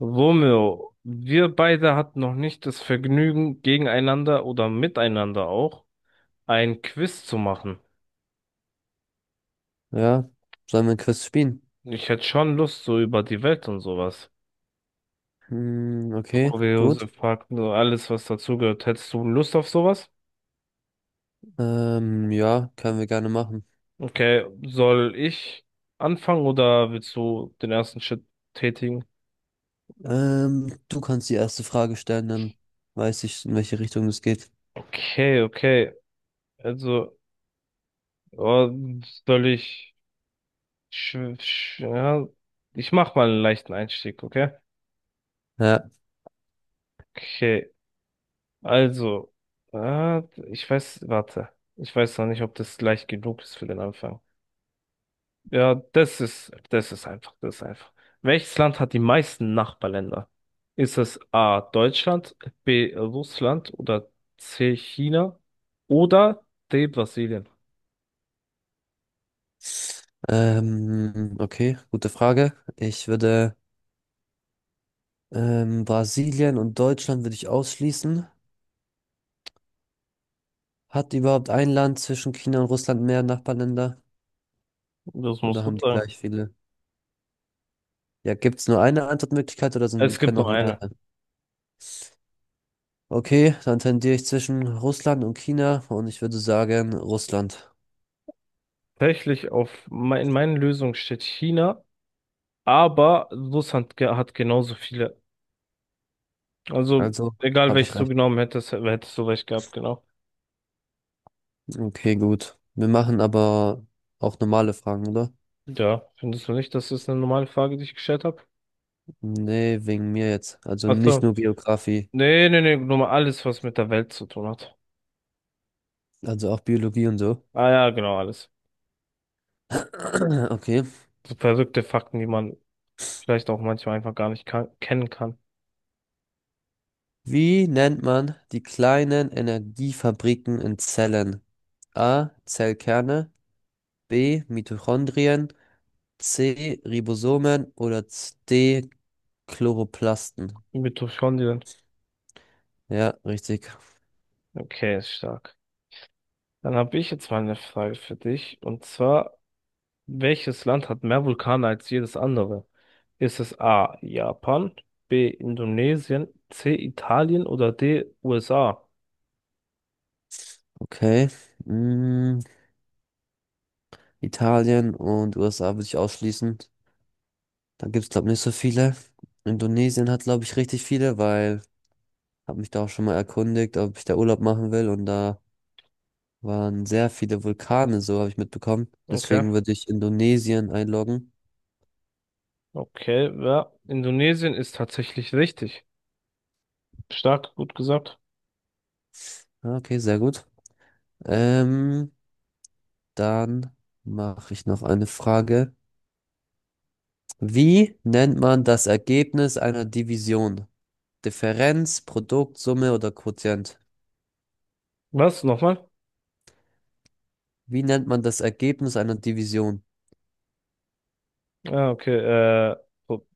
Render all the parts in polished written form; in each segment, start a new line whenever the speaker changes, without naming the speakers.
Romeo, wir beide hatten noch nicht das Vergnügen, gegeneinander oder miteinander auch ein Quiz zu machen.
Ja, sollen wir ein Quiz spielen?
Ich hätte schon Lust, so über die Welt und sowas.
Hm,
So
okay,
kuriose
gut.
Fakten, so alles, was dazugehört. Hättest du Lust auf sowas?
Ja, können wir gerne machen.
Okay, soll ich anfangen oder willst du den ersten Schritt tätigen?
Du kannst die erste Frage stellen, dann weiß ich, in welche Richtung es geht.
Okay, okay. Also, oh, soll ich... sch- sch- ja, ich mach mal einen leichten Einstieg, okay?
Ja,
Okay. Also, äh, ich weiß, warte. Ich weiß noch nicht, ob das leicht genug ist für den Anfang. Ja, das ist einfach, das ist einfach. Welches Land hat die meisten Nachbarländer? Ist es A. Deutschland, B. Russland oder C. China oder D. Brasilien?
okay, gute Frage. Ich würde Brasilien und Deutschland würde ich ausschließen. Hat überhaupt ein Land zwischen China und Russland mehr Nachbarländer?
Das
Oder
musst du
haben die
sagen.
gleich viele? Ja, gibt es nur eine Antwortmöglichkeit oder
Es gibt
können auch
nur
mehr?
eine.
Okay, dann tendiere ich zwischen Russland und China und ich würde sagen Russland.
Tatsächlich in meinen Lösungen steht China, aber Russland hat genauso viele. Also
Also
egal
habe ich
welches du
recht.
genommen hättest, hättest du recht gehabt, genau.
Okay, gut. Wir machen aber auch normale Fragen, oder?
Ja, findest du nicht, dass das eine normale Frage, die ich gestellt habe?
Nee, wegen mir jetzt. Also nicht
Achso.
nur Geografie,
Nee, nee, nee, nur mal alles, was mit der Welt zu tun hat.
also auch Biologie und so.
Ah ja, genau, alles.
Okay.
So verrückte Fakten, die man vielleicht auch manchmal einfach gar nicht kan kennen kann.
Wie nennt man die kleinen Energiefabriken in Zellen? A. Zellkerne, B. Mitochondrien, C. Ribosomen oder D. Chloroplasten.
Mitochondrien.
Ja, richtig.
Okay, ist stark. Dann habe ich jetzt mal eine Frage für dich. Und zwar, welches Land hat mehr Vulkane als jedes andere? Ist es A, Japan, B, Indonesien, C, Italien oder D, USA?
Okay. Mm, Italien und USA würde ich ausschließen. Da gibt es, glaube ich, nicht so viele. Indonesien hat, glaube ich, richtig viele, weil habe mich da auch schon mal erkundigt, ob ich da Urlaub machen will. Und da waren sehr viele Vulkane, so habe ich mitbekommen.
Okay.
Deswegen würde ich Indonesien einloggen.
Okay, ja. Indonesien ist tatsächlich richtig. Stark, gut gesagt.
Ah, okay, sehr gut. Ähm, Dann mache ich noch eine Frage. Wie nennt man das Ergebnis einer Division? Differenz, Produkt, Summe oder Quotient?
Was? Nochmal?
Wie nennt man das Ergebnis einer Division?
Ah, okay, äh, oh,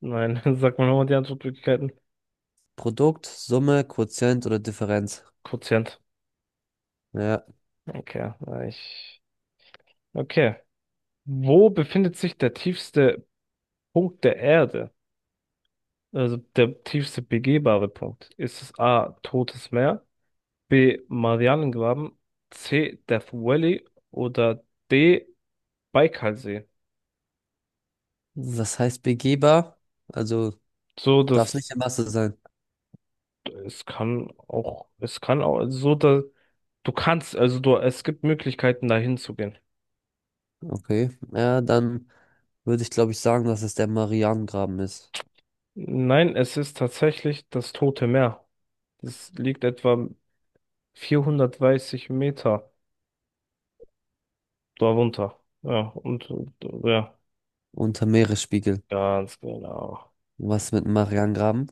nein, sag mal nochmal die Antwortmöglichkeiten.
Produkt, Summe, Quotient oder Differenz?
Quotient.
Ja,
Okay, na, ich. Okay. Wo befindet sich der tiefste Punkt der Erde? Also der tiefste begehbare Punkt. Ist es A, Totes Meer, B, Marianengraben, C, Death Valley oder D, Baikalsee?
was heißt begehbar? Also
So,
darf es
das
nicht der Masse sein.
Es kann auch also so, da, du kannst, also du, es gibt Möglichkeiten, dahin zu gehen.
Okay, ja, dann würde ich, glaube ich, sagen, dass es der Marianengraben ist.
Nein, es ist tatsächlich das Tote Meer. Das liegt etwa 430 Meter darunter. Ja, und ja,
Unter Meeresspiegel.
ganz genau.
Was mit dem Marianengraben?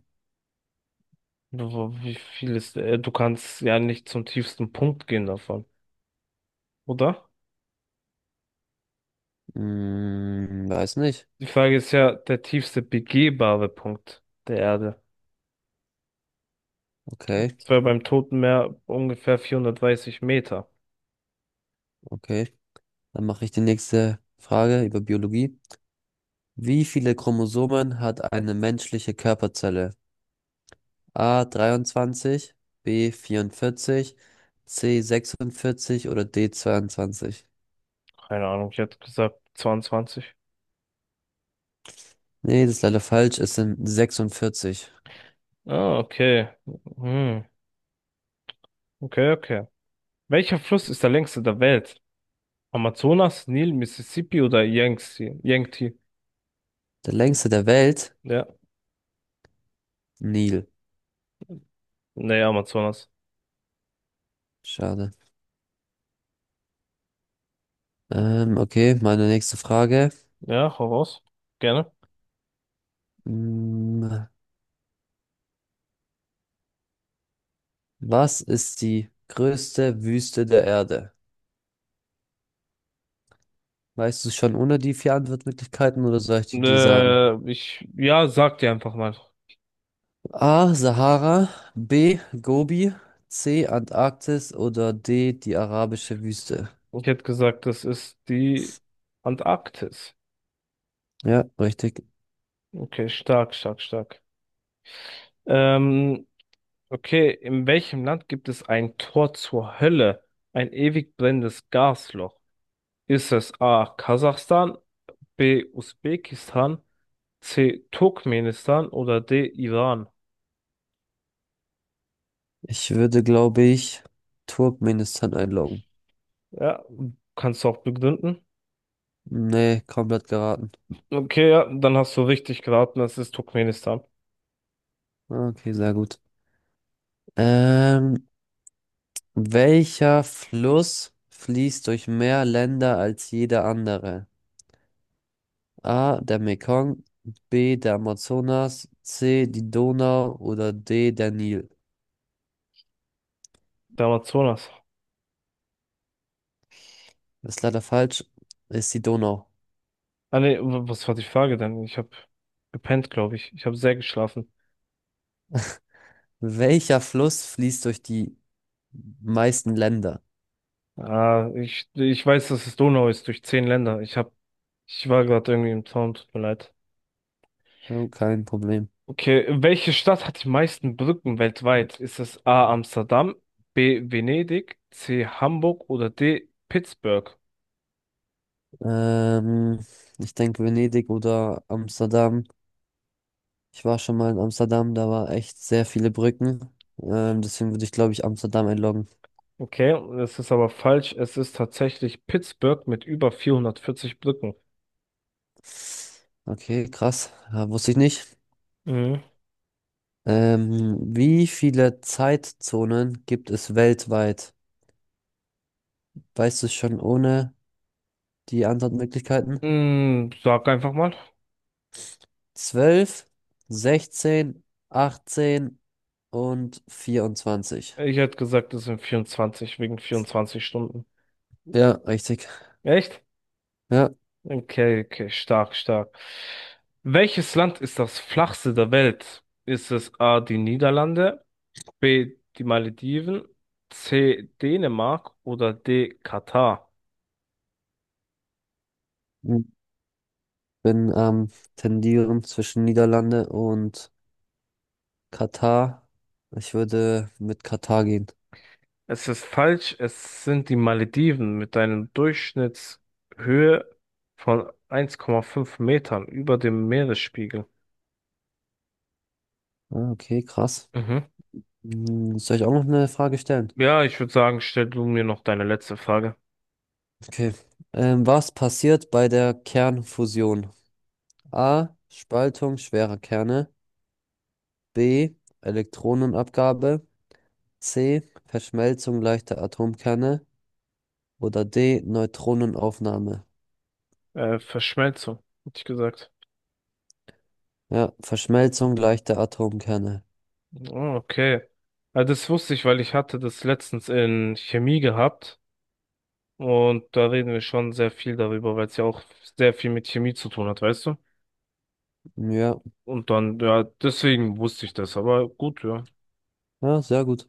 Wie viel ist, du kannst ja nicht zum tiefsten Punkt gehen davon, oder?
Weiß nicht.
Die Frage ist ja, der tiefste begehbare Punkt der Erde.
Okay,
Das wäre beim Toten Meer ungefähr 430 Meter.
okay. Dann mache ich die nächste Frage über Biologie. Wie viele Chromosomen hat eine menschliche Körperzelle? A 23, B 44, C 46 oder D 22?
Keine Ahnung, ich hätte gesagt 22.
Nee, das ist leider falsch. Es sind 46.
Ah, okay. Hm. Okay, okay. Welcher Fluss ist der längste der Welt? Amazonas, Nil, Mississippi oder Yangtze? Yangtze?
Der längste der Welt?
Ja.
Nil.
Nee, Amazonas.
Schade. Okay, meine nächste Frage.
Ja, hau raus. Gerne.
Hm, Was ist die größte Wüste der Erde? Weißt du es schon ohne die vier Antwortmöglichkeiten oder soll ich die dir sagen?
Ja, sag dir einfach mal.
A. Sahara, B. Gobi, C. Antarktis oder D. die arabische Wüste?
Ich hätte gesagt, das ist die Antarktis.
Ja, richtig.
Okay, stark, stark, stark. Ähm, okay, in welchem Land gibt es ein Tor zur Hölle? Ein ewig brennendes Gasloch? Ist es A. Kasachstan, B. Usbekistan, C. Turkmenistan oder D. Iran?
Ich würde, glaube ich, Turkmenistan einloggen.
Ja, kannst du auch begründen.
Nee, komplett geraten.
Okay, ja, dann hast du richtig geraten, es ist Turkmenistan.
Okay, sehr gut. Ähm, welcher Fluss fließt durch mehr Länder als jeder andere? A, der Mekong, B, der Amazonas, C, die Donau oder D, der Nil.
Der Amazonas.
Ist leider falsch, ist die Donau.
Ah nee, was war die Frage denn? Ich habe gepennt, glaube ich. Ich habe sehr geschlafen.
Welcher Fluss fließt durch die meisten Länder?
Ah, ich weiß, dass es Donau ist durch 10 Länder. Ich war gerade irgendwie im Traum, tut mir leid.
Oh, kein Problem.
Okay, welche Stadt hat die meisten Brücken weltweit? Ist es A. Amsterdam, B. Venedig, C. Hamburg oder D. Pittsburgh?
Ähm, ich denke Venedig oder Amsterdam. Ich war schon mal in Amsterdam, da war echt sehr viele Brücken. Deswegen würde ich, glaube ich, Amsterdam einloggen.
Okay, das ist aber falsch. Es ist tatsächlich Pittsburgh mit über 440 Brücken.
Okay, krass. Ja, wusste ich nicht.
Mhm.
Wie viele Zeitzonen gibt es weltweit? Weißt du es schon ohne die Antwortmöglichkeiten?
Mm, sag einfach mal.
12, 16, 18 und 24.
Ich hätte gesagt, es sind 24 wegen 24 Stunden.
Ja, richtig.
Echt?
Ja.
Okay, okay, stark, stark. Welches Land ist das flachste der Welt? Ist es A. die Niederlande? B. Die Malediven. C. Dänemark oder D. Katar.
Bin am Tendieren zwischen Niederlande und Katar. Ich würde mit Katar gehen.
Es ist falsch, es sind die Malediven mit einer Durchschnittshöhe von 1,5 Metern über dem Meeresspiegel.
Ah, okay, krass.
Mhm.
Soll ich auch noch eine Frage stellen?
Ja, ich würde sagen, stell du mir noch deine letzte Frage.
Okay. Was passiert bei der Kernfusion? A. Spaltung schwerer Kerne. B. Elektronenabgabe. C. Verschmelzung leichter Atomkerne. Oder D. Neutronenaufnahme.
Verschmelzung, hätte ich gesagt.
Ja, Verschmelzung leichter Atomkerne.
Oh, okay. Das wusste ich, weil ich hatte das letztens in Chemie gehabt. Und da reden wir schon sehr viel darüber, weil es ja auch sehr viel mit Chemie zu tun hat, weißt du?
Ja,
Und dann, ja, deswegen wusste ich das, aber gut, ja.
ja, sehr gut.